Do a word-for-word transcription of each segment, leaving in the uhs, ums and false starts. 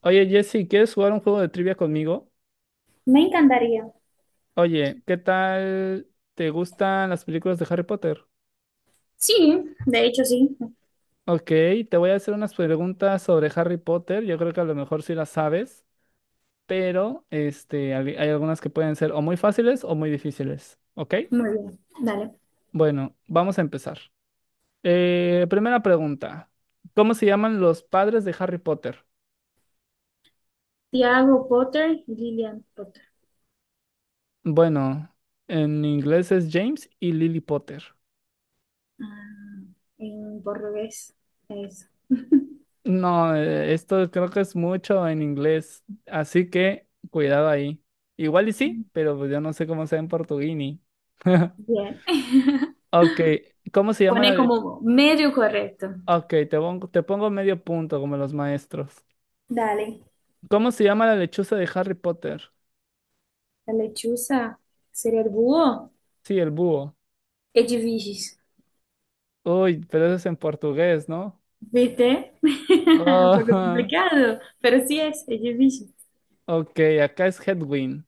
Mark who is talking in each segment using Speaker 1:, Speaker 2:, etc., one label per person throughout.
Speaker 1: Oye, Jesse, ¿quieres jugar un juego de trivia conmigo?
Speaker 2: Me encantaría.
Speaker 1: Oye, ¿qué tal te gustan las películas de Harry Potter?
Speaker 2: Sí, de hecho sí.
Speaker 1: Ok, te voy a hacer unas preguntas sobre Harry Potter. Yo creo que a lo mejor sí las sabes, pero este, al- hay algunas que pueden ser o muy fáciles o muy difíciles. ¿Ok?
Speaker 2: Muy bien. Dale.
Speaker 1: Bueno, vamos a empezar. Eh, primera pregunta. ¿Cómo se llaman los padres de Harry Potter?
Speaker 2: Tiago Potter y Lillian Potter.
Speaker 1: Bueno, en inglés es James y Lily Potter.
Speaker 2: Ah, en portugués. Eso.
Speaker 1: No, eh, esto creo que es mucho en inglés, así que cuidado ahí. Igual y sí, pero pues yo no sé cómo sea en portuguini.
Speaker 2: Bien.
Speaker 1: Ok, ¿cómo se llama
Speaker 2: Pone
Speaker 1: la lechuza?
Speaker 2: como medio correcto.
Speaker 1: Ok, te pongo, te pongo medio punto como los maestros.
Speaker 2: Dale.
Speaker 1: ¿Cómo se llama la lechuza de Harry Potter?
Speaker 2: La lechuza sería el búho.
Speaker 1: Sí, el búho.
Speaker 2: Edifícios.
Speaker 1: Uy, pero eso es en portugués, ¿no?
Speaker 2: ¿Viste? Un poco
Speaker 1: Ah,
Speaker 2: complicado, pero sí es edifício.
Speaker 1: ok, acá es Hedwig.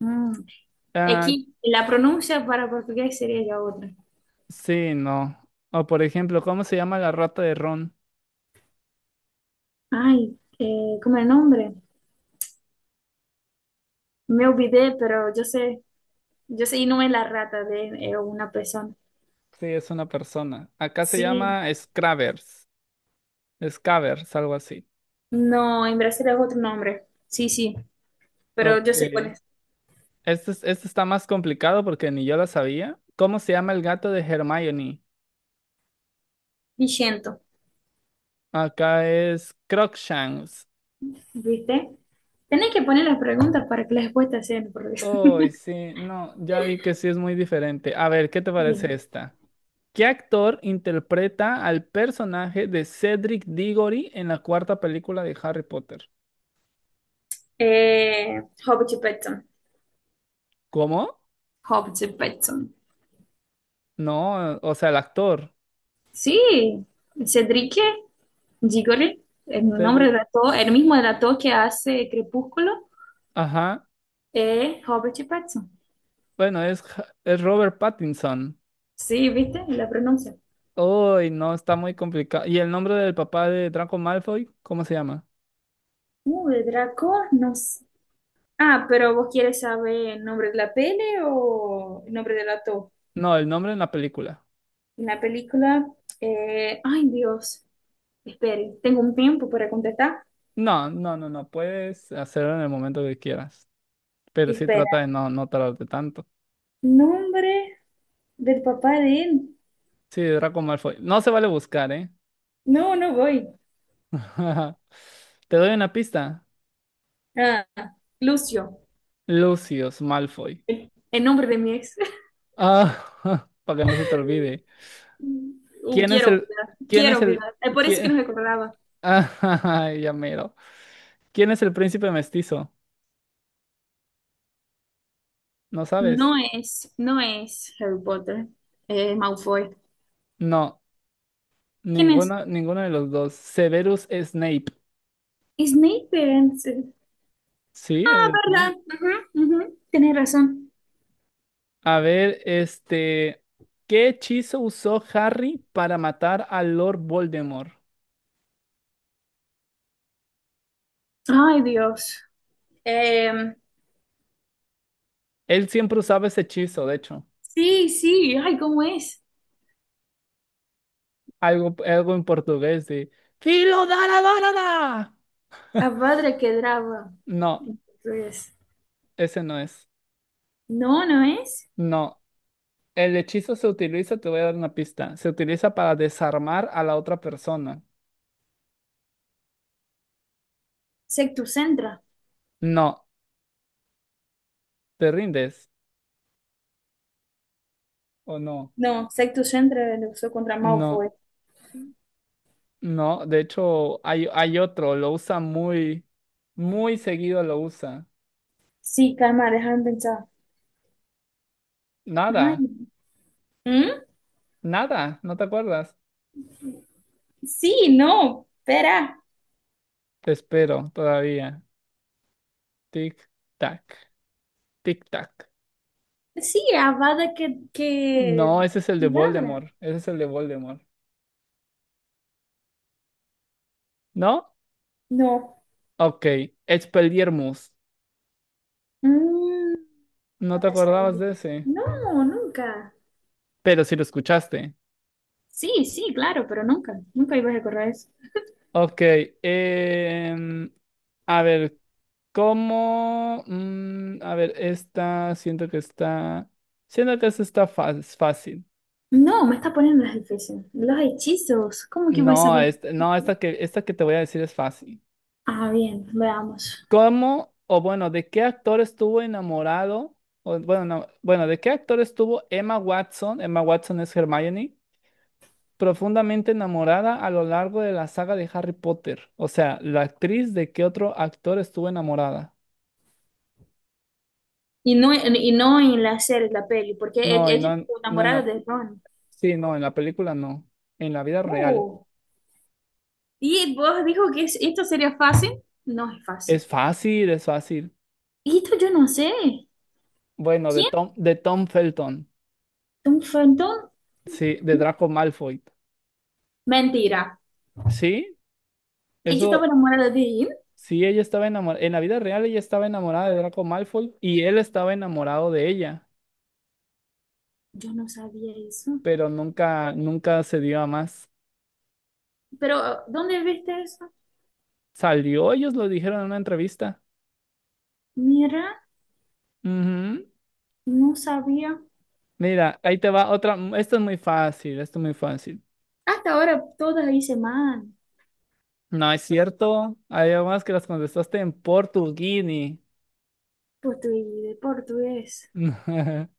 Speaker 2: Mm.
Speaker 1: Ah,
Speaker 2: Aquí la pronuncia para portugués sería ya otra.
Speaker 1: sí, no. O por ejemplo, ¿cómo se llama la rata de Ron?
Speaker 2: Ay, eh, ¿cómo es el nombre? Me olvidé, pero yo sé. Yo soy no es la rata de eh, una persona.
Speaker 1: Sí, es una persona. Acá se
Speaker 2: Sí,
Speaker 1: llama Scravers. Scavers, algo así.
Speaker 2: no, en Brasil es otro nombre. Sí, sí, pero yo
Speaker 1: Ok.
Speaker 2: sé cuál es.
Speaker 1: Este, es- este está más complicado porque ni yo lo sabía. ¿Cómo se llama el gato de Hermione?
Speaker 2: Vigento,
Speaker 1: Acá es Crookshanks.
Speaker 2: ¿viste? Tenés que poner las preguntas para que las respuestas sean por
Speaker 1: Oh, sí, no, ya vi que sí es muy diferente. A ver, ¿qué te parece
Speaker 2: bien.
Speaker 1: esta? ¿Qué actor interpreta al personaje de Cedric Diggory en la cuarta película de Harry Potter?
Speaker 2: Eh, Hobbit Petson.
Speaker 1: ¿Cómo?
Speaker 2: Hobbit Petson.
Speaker 1: No, o sea, el actor.
Speaker 2: Sí, Cedric Diggory, el nombre
Speaker 1: Cedric.
Speaker 2: del actor, el mismo del actor que hace Crepúsculo,
Speaker 1: Ajá.
Speaker 2: es Robert Pattinson.
Speaker 1: Bueno, es, Ja- es Robert Pattinson.
Speaker 2: Sí, ¿viste? La pronuncia.
Speaker 1: Uy, no, está muy complicado. ¿Y el nombre del papá de Draco Malfoy? ¿Cómo se llama?
Speaker 2: Uh, de Draco, no sé. Ah, pero vos quieres saber el nombre de la peli o el nombre del actor.
Speaker 1: No, el nombre en la película.
Speaker 2: En la película, eh, ay Dios, espere, tengo un tiempo para contestar.
Speaker 1: No, no, no, no. Puedes hacerlo en el momento que quieras. Pero sí trata
Speaker 2: Espera,
Speaker 1: de no, no tardarte tanto.
Speaker 2: nombre del papá de él.
Speaker 1: Sí, Draco Malfoy. No se vale buscar, ¿eh?
Speaker 2: No, no voy.
Speaker 1: Te doy una pista.
Speaker 2: Ah, Lucio,
Speaker 1: Lucius Malfoy.
Speaker 2: el el nombre de mi ex.
Speaker 1: Ah, para que no se te olvide.
Speaker 2: Uh,
Speaker 1: ¿Quién es
Speaker 2: quiero
Speaker 1: el...
Speaker 2: olvidar,
Speaker 1: ¿Quién
Speaker 2: quiero
Speaker 1: es el...
Speaker 2: olvidar. Es por eso que
Speaker 1: ¿Quién...
Speaker 2: no recordaba.
Speaker 1: Ah, ya mero. ¿Quién es el príncipe mestizo? ¿No sabes?
Speaker 2: No es, no es Harry Potter, es Malfoy.
Speaker 1: No,
Speaker 2: ¿Quién es?
Speaker 1: ninguno, ninguno de los dos. Severus Snape.
Speaker 2: Snape.
Speaker 1: Sí,
Speaker 2: Ah,
Speaker 1: es Snape.
Speaker 2: ¿verdad? Ujú, ujú. Tienes razón.
Speaker 1: A ver, este, ¿qué hechizo usó Harry para matar a Lord Voldemort?
Speaker 2: Ay, Dios. Em,
Speaker 1: Él siempre usaba ese hechizo, de hecho.
Speaker 2: sí, sí, ay, ¿cómo es?
Speaker 1: Algo, algo en portugués de Filo da la da, da, da".
Speaker 2: Abhadra Kedrava.
Speaker 1: No,
Speaker 2: Entonces,
Speaker 1: ese no es.
Speaker 2: no, no es.
Speaker 1: No. El hechizo se utiliza, te voy a dar una pista. Se utiliza para desarmar a la otra persona.
Speaker 2: Sectus Centra.
Speaker 1: No. ¿Te rindes o no?
Speaker 2: No, Sectus Centra lo usó contra
Speaker 1: No.
Speaker 2: Malfoy.
Speaker 1: No, de hecho hay, hay otro, lo usa muy, muy seguido lo usa.
Speaker 2: Sí, calma, déjame pensar. Ay,
Speaker 1: Nada,
Speaker 2: ¿Mm?
Speaker 1: nada, ¿no te acuerdas?
Speaker 2: Sí, no, espera.
Speaker 1: Te espero todavía. Tic, tac, tic, tac.
Speaker 2: Sí, Avada que, que...
Speaker 1: No, ese es el de
Speaker 2: Kedavra.
Speaker 1: Voldemort, ese es el de Voldemort. ¿No?
Speaker 2: No.
Speaker 1: Ok, Expelliarmus.
Speaker 2: Mm,
Speaker 1: ¿No
Speaker 2: no
Speaker 1: te
Speaker 2: me
Speaker 1: acordabas
Speaker 2: sale.
Speaker 1: de ese?
Speaker 2: No, nunca.
Speaker 1: Pero sí lo escuchaste.
Speaker 2: Sí, sí, claro, pero nunca, nunca ibas a recordar eso.
Speaker 1: Ok, em, a ver, ¿cómo? Mm, a ver, esta, siento que está, siento que esta está fa- es fácil.
Speaker 2: No, me está poniendo las difíciles. Los hechizos, ¿cómo que voy a
Speaker 1: No,
Speaker 2: saber?
Speaker 1: esta, no, esta que, esta que te voy a decir es fácil.
Speaker 2: Ah, bien, veamos.
Speaker 1: ¿Cómo, o bueno, de qué actor estuvo enamorado? O, bueno, no, bueno, ¿de qué actor estuvo Emma Watson? Emma Watson es Hermione, profundamente enamorada a lo largo de la saga de Harry Potter. O sea, ¿la actriz de qué otro actor estuvo enamorada?
Speaker 2: Y no, en- y no en la serie, la peli, porque e-
Speaker 1: No, y
Speaker 2: ella
Speaker 1: no,
Speaker 2: estuvo enamorada
Speaker 1: no,
Speaker 2: de Ron.
Speaker 1: sí, no, en la película no. En la vida real.
Speaker 2: Uh, y vos dijo que es- esto sería fácil. No es fácil.
Speaker 1: Es fácil, es fácil.
Speaker 2: Y esto yo no sé.
Speaker 1: Bueno, de
Speaker 2: ¿Quién?
Speaker 1: Tom, de Tom Felton.
Speaker 2: ¿Un fantón?
Speaker 1: Sí, de Draco Malfoy.
Speaker 2: Mentira.
Speaker 1: Sí,
Speaker 2: Ella estaba
Speaker 1: eso,
Speaker 2: enamorada de él.
Speaker 1: sí, ella estaba enamorada. En la vida real ella estaba enamorada de Draco Malfoy y él estaba enamorado de ella,
Speaker 2: Yo no sabía eso.
Speaker 1: pero nunca, nunca se dio a más.
Speaker 2: Pero, ¿dónde viste eso?
Speaker 1: Salió, ellos lo dijeron en una entrevista.
Speaker 2: Mira,
Speaker 1: Ujú.
Speaker 2: no sabía.
Speaker 1: Mira, ahí te va otra. m- Esto es muy fácil, esto es muy fácil.
Speaker 2: Hasta ahora todas hice mal,
Speaker 1: No es cierto. Hay más que las contestaste en portuguini.
Speaker 2: pues estoy de portugués.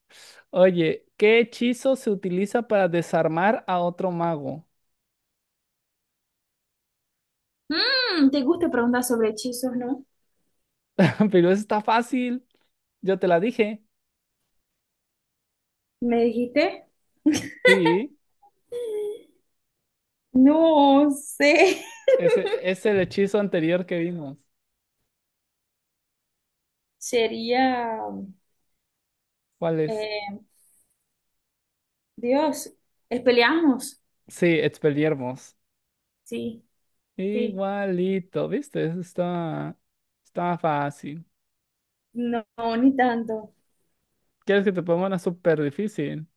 Speaker 1: Oye, ¿qué hechizo se utiliza para desarmar a otro mago?
Speaker 2: Mm, ¿te gusta preguntar sobre hechizos, no?
Speaker 1: Pero eso está fácil. Yo te la dije.
Speaker 2: ¿Me dijiste?
Speaker 1: Sí,
Speaker 2: No sé.
Speaker 1: ese es el hechizo anterior que vimos.
Speaker 2: Sería,
Speaker 1: ¿Cuál es?
Speaker 2: eh, Dios, ¿es peleamos?
Speaker 1: Sí, Expelliarmus.
Speaker 2: Sí, sí.
Speaker 1: Igualito, ¿viste? Eso está, está fácil.
Speaker 2: No, ni tanto.
Speaker 1: ¿Quieres que te ponga una súper difícil?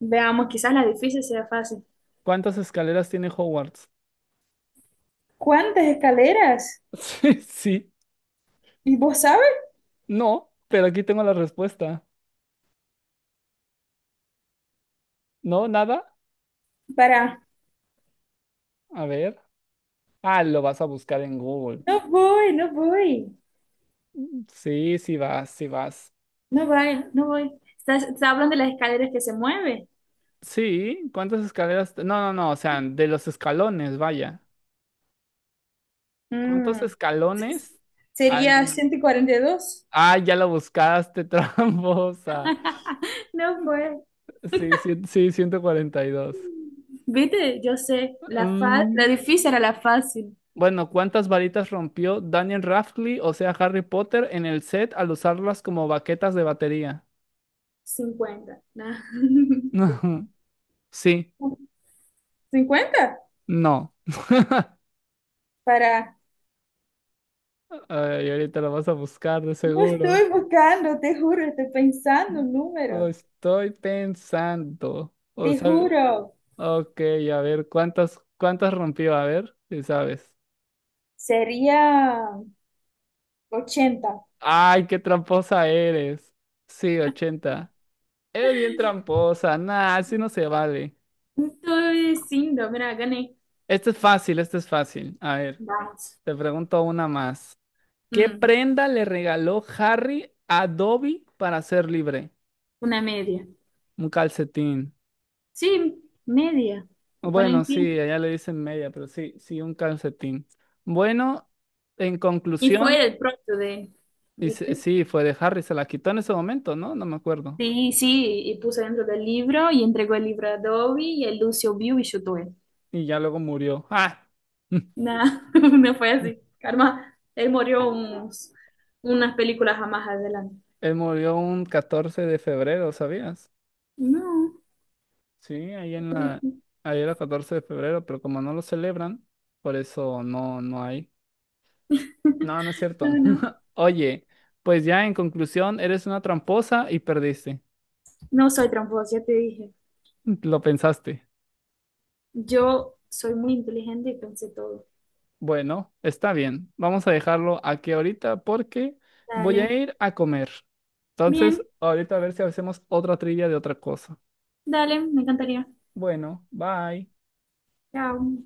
Speaker 2: Veamos, quizás la difícil sea fácil.
Speaker 1: ¿Cuántas escaleras tiene Hogwarts?
Speaker 2: ¿Cuántas escaleras?
Speaker 1: Sí, sí.
Speaker 2: ¿Y vos sabes?
Speaker 1: No, pero aquí tengo la respuesta. ¿No? ¿Nada?
Speaker 2: Para,
Speaker 1: A ver. Ah, lo vas a buscar en Google.
Speaker 2: no voy, no voy,
Speaker 1: Sí, sí vas, sí vas.
Speaker 2: no voy, no voy. ¿Estás, estás hablando de las escaleras que se mueven?
Speaker 1: Sí, ¿cuántas escaleras? te- No, no, no, o sea, de los escalones, vaya. ¿Cuántos
Speaker 2: Mm,
Speaker 1: escalones hay?
Speaker 2: Sería
Speaker 1: en-
Speaker 2: ciento cuarenta y dos.
Speaker 1: Ah, ya lo buscaste, tramposa.
Speaker 2: No fue.
Speaker 1: Sí, sí, sí, ciento cuarenta y dos.
Speaker 2: Viste, yo sé, la, fa- la
Speaker 1: Mm,
Speaker 2: difícil era la fácil.
Speaker 1: bueno, ¿cuántas varitas rompió Daniel Radcliffe, o sea, Harry Potter, en el set al usarlas como baquetas de batería?
Speaker 2: Cincuenta, ¿no?
Speaker 1: Sí,
Speaker 2: cincuenta,
Speaker 1: no.
Speaker 2: para.
Speaker 1: Ay, ahorita lo vas a buscar, de
Speaker 2: No
Speaker 1: seguro.
Speaker 2: estoy buscando, te juro, estoy pensando un
Speaker 1: Lo
Speaker 2: número.
Speaker 1: estoy pensando. O
Speaker 2: Te
Speaker 1: sea,
Speaker 2: juro,
Speaker 1: ok, a ver, ¿cuántas, cuántas rompió? A ver, si sabes.
Speaker 2: sería ochenta.
Speaker 1: ¡Ay, qué tramposa eres! Sí, ochenta. Eres bien tramposa. Nah, así no se vale.
Speaker 2: Estoy diciendo, mira, gané.
Speaker 1: Este es fácil, este es fácil. A ver,
Speaker 2: Vamos.
Speaker 1: te pregunto una más. ¿Qué
Speaker 2: Mm,
Speaker 1: prenda le regaló Harry a Dobby para ser libre?
Speaker 2: una media.
Speaker 1: Un calcetín.
Speaker 2: Sí, media. ¿Te
Speaker 1: Bueno,
Speaker 2: ponen pie?
Speaker 1: sí, allá le dicen media, pero sí, sí, un calcetín. Bueno, en
Speaker 2: Y
Speaker 1: conclusión,
Speaker 2: fue el pronto de,
Speaker 1: dice-
Speaker 2: ¿viste?
Speaker 1: sí, fue de Harry, se la quitó en ese momento, ¿no? No me acuerdo.
Speaker 2: Sí, sí, y puso dentro del libro y entregó el libro a Adobe y el Lucio vio y chutó él.
Speaker 1: Y ya luego murió. ¡Ah!
Speaker 2: Nah, no fue así. Karma, él murió unos, unas películas más adelante.
Speaker 1: Él murió un catorce de febrero, ¿sabías?
Speaker 2: No,
Speaker 1: Sí, ahí
Speaker 2: qué
Speaker 1: en la,
Speaker 2: triste.
Speaker 1: ahí era catorce de febrero, pero como no lo celebran, por eso no, no hay. No, no es
Speaker 2: No,
Speaker 1: cierto.
Speaker 2: no.
Speaker 1: Oye, pues ya en conclusión, eres una tramposa y perdiste.
Speaker 2: No soy tramposa, ya te dije.
Speaker 1: Lo pensaste.
Speaker 2: Yo soy muy inteligente y pensé todo.
Speaker 1: Bueno, está bien. Vamos a dejarlo aquí ahorita porque voy a
Speaker 2: Dale.
Speaker 1: ir a comer. Entonces,
Speaker 2: Bien,
Speaker 1: ahorita a ver si hacemos otra trivia de otra cosa.
Speaker 2: dale, me encantaría.
Speaker 1: Bueno, bye.
Speaker 2: Chao.